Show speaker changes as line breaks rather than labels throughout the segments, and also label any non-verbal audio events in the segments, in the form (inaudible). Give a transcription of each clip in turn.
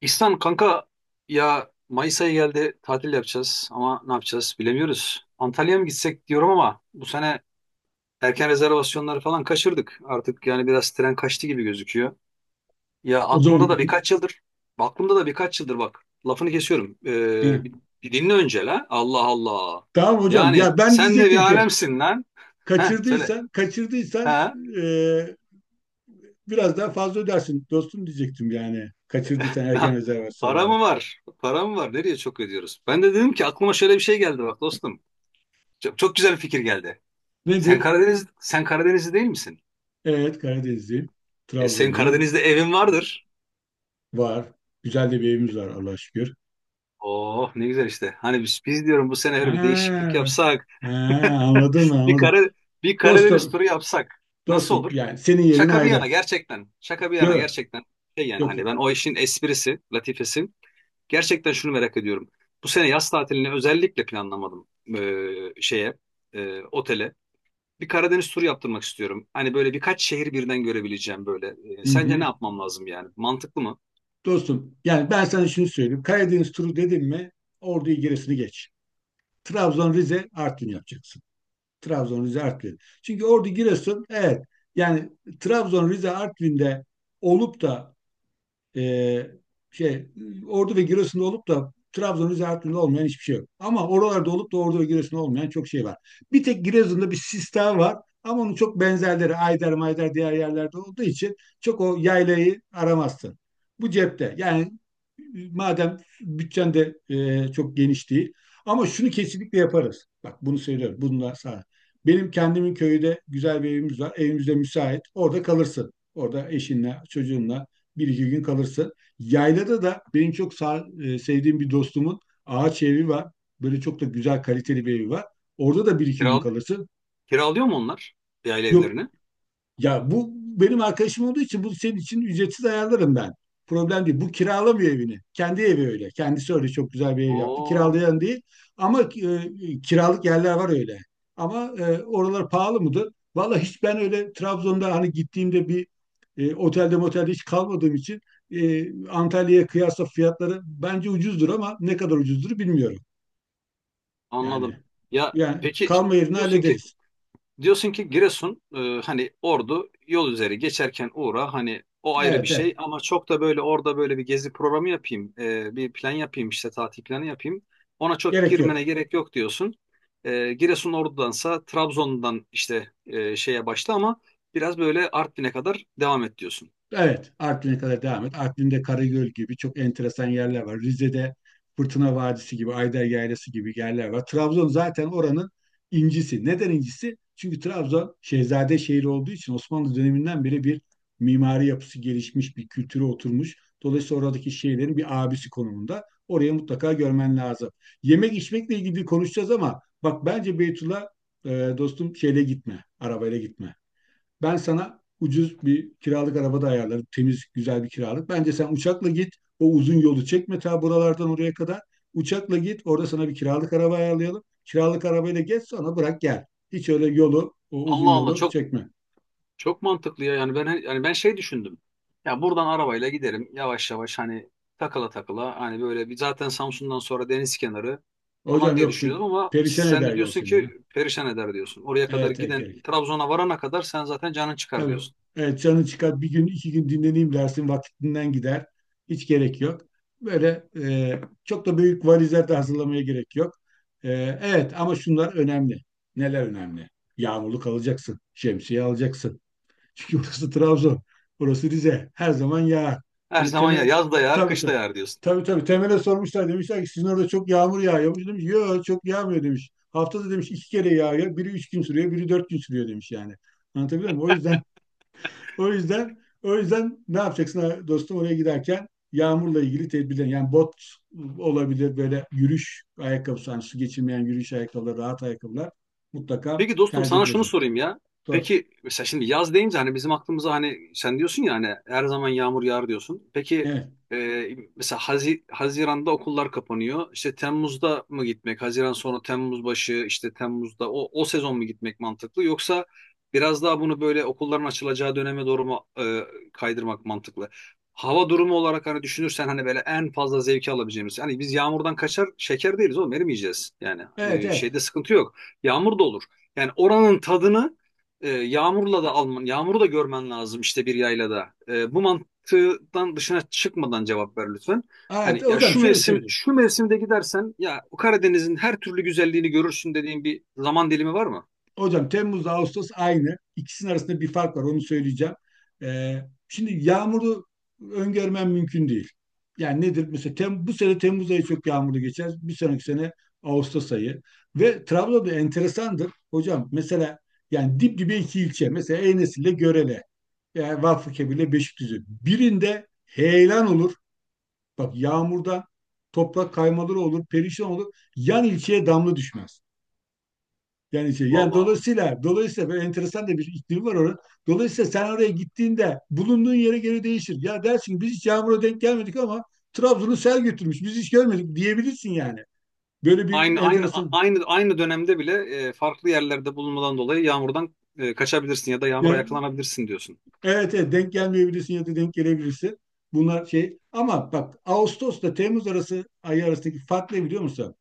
İhsan kanka, ya Mayıs ayı geldi, tatil yapacağız ama ne yapacağız bilemiyoruz. Antalya'ya mı gitsek diyorum ama bu sene erken rezervasyonları falan kaçırdık. Artık yani biraz tren kaçtı gibi gözüküyor. Ya
O
aklımda da
zaman (laughs)
birkaç yıldır aklımda da birkaç yıldır bak, lafını kesiyorum.
He,
Bir dinle önce la. Allah Allah.
tamam hocam.
Yani
Ya ben de
sen de bir
diyecektim ki
alemsin lan. He, söyle.
kaçırdıysan
Ha.
e, biraz daha fazla ödersin dostum diyecektim yani. Kaçırdıysan erken
La, (laughs) para
rezervasyonları.
mı var? Para mı var? Nereye çok ödüyoruz? Ben de dedim ki aklıma şöyle bir şey geldi bak dostum. Çok, çok güzel bir fikir geldi. Sen
Nedir?
Karadeniz sen Karadenizli değil misin?
Evet Karadenizliyim.
Senin
Trabzonluyum.
Karadeniz'de evin vardır.
Var. Güzel de bir
E,
evimiz var Allah'a şükür.
Oh, ne güzel işte. Hani biz diyorum, bu sene öyle bir değişiklik
Ha,
yapsak.
ha,
(laughs)
anladım mı?
Bir
Anladım.
Kara, bir Karadeniz
Dostum
turu yapsak nasıl
dostum
olur?
yani senin yerin
Şaka bir
ayrı.
yana gerçekten. Şaka bir yana
Yok,
gerçekten. Şey yani,
yok,
hani
yok.
ben, o işin esprisi, latifesi. Gerçekten şunu merak ediyorum. Bu sene yaz tatilini özellikle planlamadım, şeye, otele. Bir Karadeniz turu yaptırmak istiyorum. Hani böyle birkaç şehir birden görebileceğim böyle.
Hı
Sence ne
hı.
yapmam lazım yani? Mantıklı mı?
Dostum yani ben sana şunu söyleyeyim. Karadeniz turu dedim mi Ordu'yu gerisini geç. Trabzon, Rize, Artvin yapacaksın. Trabzon, Rize, Artvin. Çünkü Ordu, Giresun, evet yani Trabzon, Rize, Artvin'de olup da ee, şey Ordu ve Giresun'da olup da Trabzon üzerinde olmayan hiçbir şey yok. Ama oralarda olup da Ordu ve Giresun'da olmayan çok şey var. Bir tek Giresun'da bir sistem var ama onun çok benzerleri Ayder Mayder diğer yerlerde olduğu için çok o yaylayı aramazsın. Bu cepte. Yani madem bütçen de çok geniş değil. Ama şunu kesinlikle yaparız. Bak bunu söylüyorum. Bununla sana. Benim kendimin köyde güzel bir evimiz var. Evimizde müsait. Orada kalırsın. Orada eşinle, çocuğunla bir iki gün kalırsa. Yaylada da benim sevdiğim bir dostumun ağaç evi var. Böyle çok da güzel kaliteli bir evi var. Orada da bir iki gün
Kiral
kalırsın.
kiralıyor mu onlar, bir aile
Yok
evlerini?
ya, bu benim arkadaşım olduğu için bu senin için ücretsiz ayarlarım ben. Problem değil. Bu kiralamıyor evini. Kendi evi öyle. Kendisi öyle çok güzel bir ev yaptı.
Oo,
Kiralayan değil. Ama kiralık yerler var öyle. Ama oralar pahalı mıdır? Vallahi hiç ben öyle Trabzon'da hani gittiğimde bir otelde motelde hiç kalmadığım için Antalya'ya kıyasla fiyatları bence ucuzdur ama ne kadar ucuzdur bilmiyorum. Yani
anladım. Ya
yani
peki,
kalma yerini
diyorsun ki
hallederiz.
Diyorsun ki Giresun, hani Ordu yol üzeri geçerken uğra, hani o ayrı bir
Evet evet.
şey, ama çok da böyle orada böyle bir gezi programı yapayım, bir plan yapayım, işte tatil planı yapayım, ona çok
Gerek
girmene
yok.
gerek yok diyorsun. Giresun Ordu'dansa Trabzon'dan işte, şeye başla, ama biraz böyle Artvin'e kadar devam et diyorsun.
Evet, Artvin'e kadar devam et. Artvin'de Karagöl gibi çok enteresan yerler var. Rize'de Fırtına Vadisi gibi, Ayder Yaylası gibi yerler var. Trabzon zaten oranın incisi. Neden incisi? Çünkü Trabzon şehzade şehri olduğu için Osmanlı döneminden beri bir mimari yapısı gelişmiş, bir kültürü oturmuş. Dolayısıyla oradaki şehirlerin bir abisi konumunda. Oraya mutlaka görmen lazım. Yemek içmekle ilgili konuşacağız ama bak bence Beytullah e, dostum şeyle gitme, arabayla gitme. Ben sana ucuz bir kiralık araba da ayarlarım. Temiz, güzel bir kiralık. Bence sen uçakla git. O uzun yolu çekme ta buralardan oraya kadar. Uçakla git. Orada sana bir kiralık araba ayarlayalım. Kiralık arabayla geç sonra bırak gel. Hiç öyle yolu, o uzun
Allah Allah,
yolu
çok,
çekme.
çok mantıklı ya. Yani ben, hani ben şey düşündüm. Ya buradan arabayla giderim yavaş yavaş, hani takıla takıla, hani böyle bir, zaten Samsun'dan sonra deniz kenarı falan
Hocam
diye
yok pe-
düşünüyordum ama
perişan
sen
eder
de
yol
diyorsun
seni ya.
ki perişan eder diyorsun. Oraya kadar
Evet, evet
giden,
gerek.
Trabzon'a varana kadar sen zaten canın çıkar
Tabii.
diyorsun.
Evet, canın çıkar bir gün iki gün dinleneyim dersin vaktinden gider. Hiç gerek yok. Böyle çok da büyük valizler de hazırlamaya gerek yok. E, evet ama şunlar önemli. Neler önemli? Yağmurluk alacaksın. Şemsiye alacaksın. Çünkü (laughs) burası Trabzon. Burası Rize. Her zaman yağar.
Her
Böyle
zaman ya
temel,
yaz da yağar,
tabii
kış da
tabii.
yağar diyorsun.
Tabii tabii, temele sormuşlar demişler ki sizin orada çok yağmur yağıyormuş. Demiş yok çok yağmıyor demiş. Haftada demiş iki kere yağıyor. Biri üç gün sürüyor, biri dört gün sürüyor demiş yani. Anlatabiliyor muyum? O yüzden o yüzden ne yapacaksın dostum oraya giderken yağmurla ilgili tedbirler yani bot olabilir böyle yürüyüş ayakkabısı yani su geçirmeyen yürüyüş ayakkabıları rahat ayakkabılar mutlaka
Peki dostum,
tercih et
sana şunu
hocam.
sorayım ya.
Doğru.
Peki mesela, şimdi yaz deyince hani bizim aklımıza, hani sen diyorsun ya hani her zaman yağmur yağar diyorsun. Peki,
Evet.
mesela Haziran'da okullar kapanıyor. İşte Temmuz'da mı gitmek? Haziran sonra Temmuz başı, işte Temmuz'da, o sezon mu gitmek mantıklı? Yoksa biraz daha bunu böyle okulların açılacağı döneme doğru mu kaydırmak mantıklı? Hava durumu olarak hani düşünürsen, hani böyle en fazla zevki alabileceğimiz. Hani biz yağmurdan kaçar şeker değiliz oğlum, erimeyeceğiz. Yani,
Evet evet.
şeyde sıkıntı yok. Yağmur da olur. Yani oranın tadını yağmurla da alman, yağmuru da görmen lazım, işte bir yaylada. Bu mantıktan dışına çıkmadan cevap ver lütfen.
Evet
Hani, ya
hocam
şu
şöyle
mevsim,
söyleyeyim.
şu mevsimde gidersen ya Karadeniz'in her türlü güzelliğini görürsün dediğin bir zaman dilimi var mı?
Hocam Temmuz'da Ağustos aynı. İkisinin arasında bir fark var onu söyleyeceğim. Ee, şimdi yağmuru öngörmem mümkün değil. Yani nedir? Mesela bu sene Temmuz ayı çok yağmurlu geçer. Bir sonraki sene Ağustos ayı. Ve Trabzon'da enteresandır. Hocam mesela yani dip dibe iki ilçe. Mesela Enes ile Görele. Yani Vakfıkebir ile Beşikdüzü. Birinde heyelan olur. Bak yağmurdan toprak kaymaları olur, perişan olur. Yan ilçeye damla düşmez. Yani şey, yani
Valla.
dolayısıyla böyle enteresan da bir iklim var orada. Dolayısıyla sen oraya gittiğinde bulunduğun yere göre değişir. Ya dersin ki biz hiç yağmura denk gelmedik ama Trabzon'u sel götürmüş. Biz hiç görmedik diyebilirsin yani. Böyle bir
Aynı aynı a-
enteresan.
aynı aynı dönemde bile farklı yerlerde bulunmadan dolayı yağmurdan kaçabilirsin ya da yağmura
Yani
yakalanabilirsin diyorsun.
evet evet denk gelmeyebilirsin ya da denk gelebilirsin. Bunlar şey ama bak Ağustos'ta Temmuz arası ayı arasındaki fark ne biliyor musun?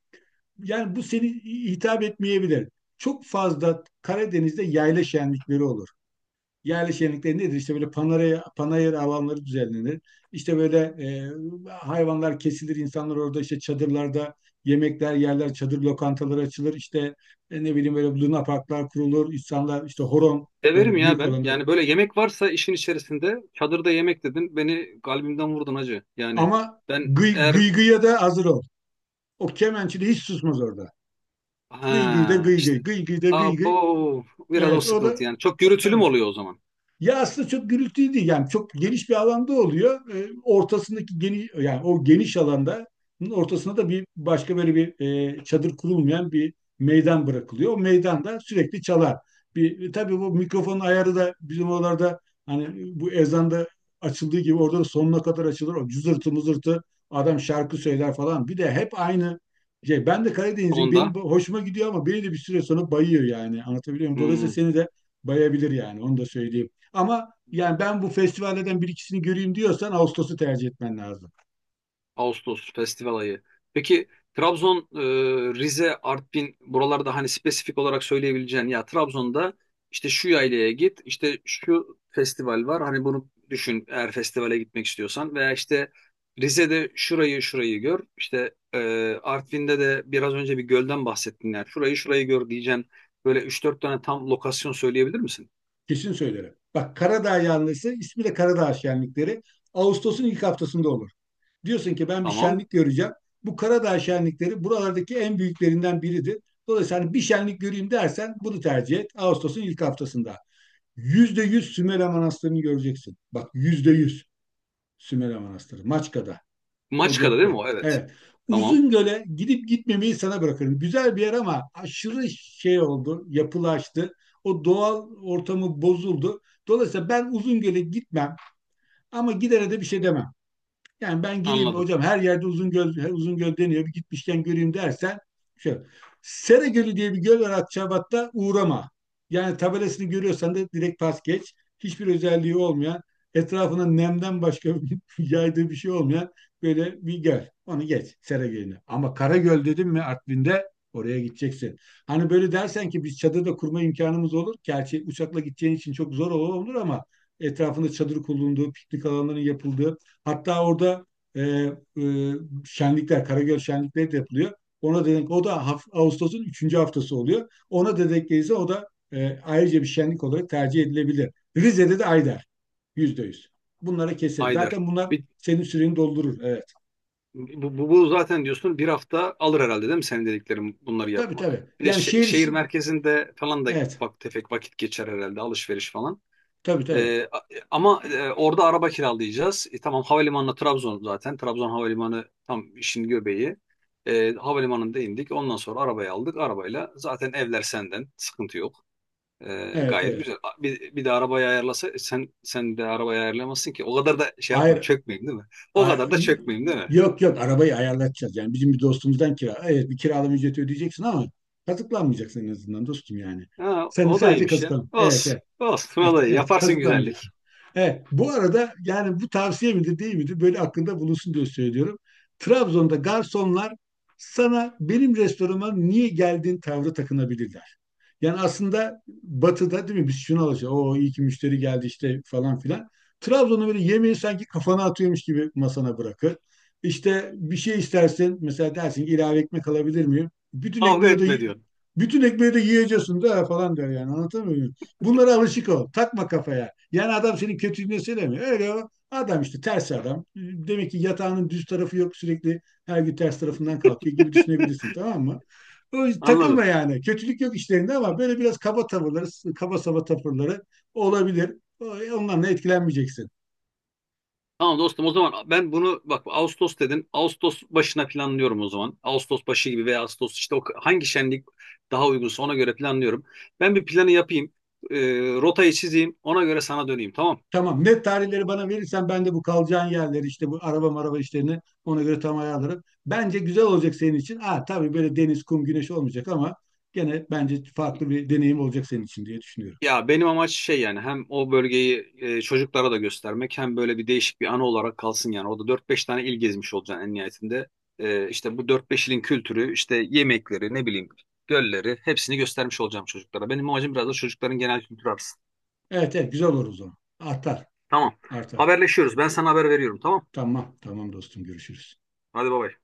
Yani bu seni hitap etmeyebilir. Çok fazla Karadeniz'de yayla şenlikleri olur. Yerli şenlikleri nedir? İşte böyle panayır, panayır alanları düzenlenir. İşte böyle hayvanlar kesilir, insanlar orada işte çadırlarda yemekler yerler, çadır lokantaları açılır. İşte ne bileyim böyle luna parklar kurulur. İnsanlar işte horon,
Severim
böyle
ya
büyük
ben.
alanda.
Yani böyle yemek varsa işin içerisinde, çadırda yemek dedin, beni kalbimden vurdun hacı. Yani
Ama
ben
gıy,
eğer,
gıy gıya da hazır ol. O kemençi de hiç susmaz orada. Gıy gıy da
ha
gıy
işte,
gıy, gıy gıy da gıy gıy.
abo, biraz o
Evet o
sıkıntı
da
yani. Çok
o
gürültülü
tabii,
mü oluyor o zaman?
ya aslında çok gürültülü değil yani çok geniş bir alanda oluyor. Ortasındaki geniş yani o geniş alanda ortasına da bir başka böyle bir çadır kurulmayan bir meydan bırakılıyor. O meydanda sürekli çalar. Bir tabii bu mikrofonun ayarı da bizim oralarda hani bu ezanda açıldığı gibi orada da sonuna kadar açılır. O cızırtı mızırtı adam şarkı söyler falan. Bir de hep aynı şey. Ben de Karadeniz'im. Benim
Onda.
hoşuma gidiyor ama beni de bir süre sonra bayıyor yani. Anlatabiliyor muyum? Dolayısıyla
Hmm.
seni de bayabilir yani. Onu da söyleyeyim. Ama yani ben bu festivallerden bir ikisini göreyim diyorsan Ağustos'u tercih etmen lazım.
Ağustos festival ayı. Peki Trabzon, Rize, Artvin buralarda hani spesifik olarak söyleyebileceğin, ya Trabzon'da işte şu yaylaya git, işte şu festival var. Hani bunu düşün eğer festivale gitmek istiyorsan, veya işte Rize'de şurayı şurayı gör. İşte, Artvin'de de biraz önce bir gölden bahsettin yani. Şurayı şurayı gör diyeceğin böyle üç dört tane tam lokasyon söyleyebilir misin?
Kesin söylerim. Bak Karadağ yanlısı ismi de Karadağ şenlikleri Ağustos'un ilk haftasında olur. Diyorsun ki ben bir
Tamam.
şenlik göreceğim. Bu Karadağ şenlikleri buralardaki en büyüklerinden biridir. Dolayısıyla hani bir şenlik göreyim dersen bunu tercih et. Ağustos'un ilk haftasında. Yüzde yüz Sümela Manastırı'nı göreceksin. Bak yüzde yüz Sümela Manastırı. Maçka'da. O
Maçka'da değil mi
cepte.
o? Evet.
Evet.
Tamam.
Uzungöl'e gidip gitmemeyi sana bırakırım. Güzel bir yer ama aşırı şey oldu, yapılaştı. O doğal ortamı bozuldu. Dolayısıyla ben Uzungöl'e gitmem ama gidere de bir şey demem. Yani ben gireyim
Anladım.
hocam her yerde uzun göl, her uzun göl deniyor. Bir gitmişken göreyim dersen şöyle. Sera Gölü diye bir göl var Akçabat'ta, uğrama. Yani tabelasını görüyorsan da direkt pas geç. Hiçbir özelliği olmayan, etrafına nemden başka (laughs) yaydığı bir şey olmayan böyle bir göl. Onu geç Sera Gölü'nü. Ama Karagöl dedim mi Artvin'de oraya gideceksin. Hani böyle dersen ki biz çadır da kurma imkanımız olur. Gerçi uçakla gideceğin için çok zor olur ama etrafında çadır kurulduğu, piknik alanlarının yapıldığı, hatta orada e, e, şenlikler, Karagöl şenlikleri de yapılıyor. Ona denk, o da Ağustos'un üçüncü haftası oluyor. Ona da denk gelirse o da ayrıca bir şenlik olarak tercih edilebilir. Rize'de de Ayder, yüzde yüz. Bunlara kesin.
Ayder.
Zaten bunlar
Bir
senin süreni doldurur. Evet.
bu zaten diyorsun, bir hafta alır herhalde değil mi, senin dediklerin bunları
Tabii
yapmak?
tabii.
Bir de
Yani
şe-
şehir
şehir
için.
merkezinde falan da
Evet.
ufak tefek vakit geçer herhalde, alışveriş falan.
Tabii tabii.
Ee, a- Ama orada araba kiralayacağız. Tamam, havalimanına Trabzon zaten. Trabzon havalimanı tam işin göbeği. Havalimanında indik. Ondan sonra arabayı aldık. Arabayla zaten, evler senden. Sıkıntı yok.
Evet
Gayet güzel.
evet.
Bir de arabayı ayarlasa sen, sen de arabayı ayarlamazsın ki. O kadar da şey yapmayayım,
Hayır,
çökmeyeyim değil mi? O
A-
kadar da çökmeyeyim değil mi?
yok yok arabayı ayarlatacağız. Yani bizim bir dostumuzdan kira. Evet bir kiralama ücreti ödeyeceksin ama kazıklanmayacaksın en azından dostum yani.
Ha,
Sen
o da
sadece
iyiymiş ya.
kazıklan. Evet
Olsun.
evet.
Olsun, o
Evet,
da iyi.
evet
Yaparsın
kazıklanmayacaksın.
güzellik.
Evet, bu arada yani bu tavsiye midir değil midir böyle aklında bulunsun diye söylüyorum. Trabzon'da garsonlar sana benim restorana niye geldiğin tavrı takınabilirler. Yani aslında batıda değil mi biz şunu alacağız. O iyi ki müşteri geldi işte falan filan. Trabzon'da böyle yemeği sanki kafana atıyormuş gibi masana bırakır. İşte bir şey istersin mesela dersin ki ilave ekmek alabilir miyim? Bütün
Kavga
ekmeği de
etme diyorum.
bütün ekmeği de yiyeceksin de falan der yani anlatabiliyor muyum? Bunlara alışık ol. Takma kafaya. Yani adam senin kötülüğünü söylemiyor. Öyle o. Adam işte ters adam. Demek ki yatağının düz tarafı yok. Sürekli her gün ters tarafından kalkıyor gibi düşünebilirsin.
(laughs)
Tamam mı? O, takılma
Anladım.
yani. Kötülük yok işlerinde ama böyle biraz kaba tavırları, kaba saba tavırları olabilir. O- Ondan da etkilenmeyeceksin.
Tamam dostum, o zaman ben bunu, bak, Ağustos dedin. Ağustos başına planlıyorum o zaman. Ağustos başı gibi, veya Ağustos işte, o hangi şenlik daha uygunsa ona göre planlıyorum. Ben bir planı yapayım. E, Rotayı çizeyim. Ona göre sana döneyim, tamam.
Tamam. Net tarihleri bana verirsen ben de bu kalacağın yerleri işte bu araba maraba işlerini ona göre tam ayarlarım. Bence güzel olacak senin için. Ha tabii böyle deniz, kum, güneş olmayacak ama gene bence farklı bir deneyim olacak senin için diye düşünüyorum.
Ya benim amaç şey yani, hem o bölgeyi çocuklara da göstermek, hem böyle bir değişik bir anı olarak kalsın yani. Orada dört beş tane il gezmiş olacaksın en nihayetinde. İşte bu dört beş ilin kültürü, işte yemekleri, ne bileyim gölleri, hepsini göstermiş olacağım çocuklara. Benim amacım biraz da çocukların genel kültürü arasın.
Evet evet güzel olur o zaman. Artar,
Tamam.
artar.
Haberleşiyoruz. Ben sana haber veriyorum, tamam.
Tamam, tamam dostum görüşürüz.
Hadi bay bay.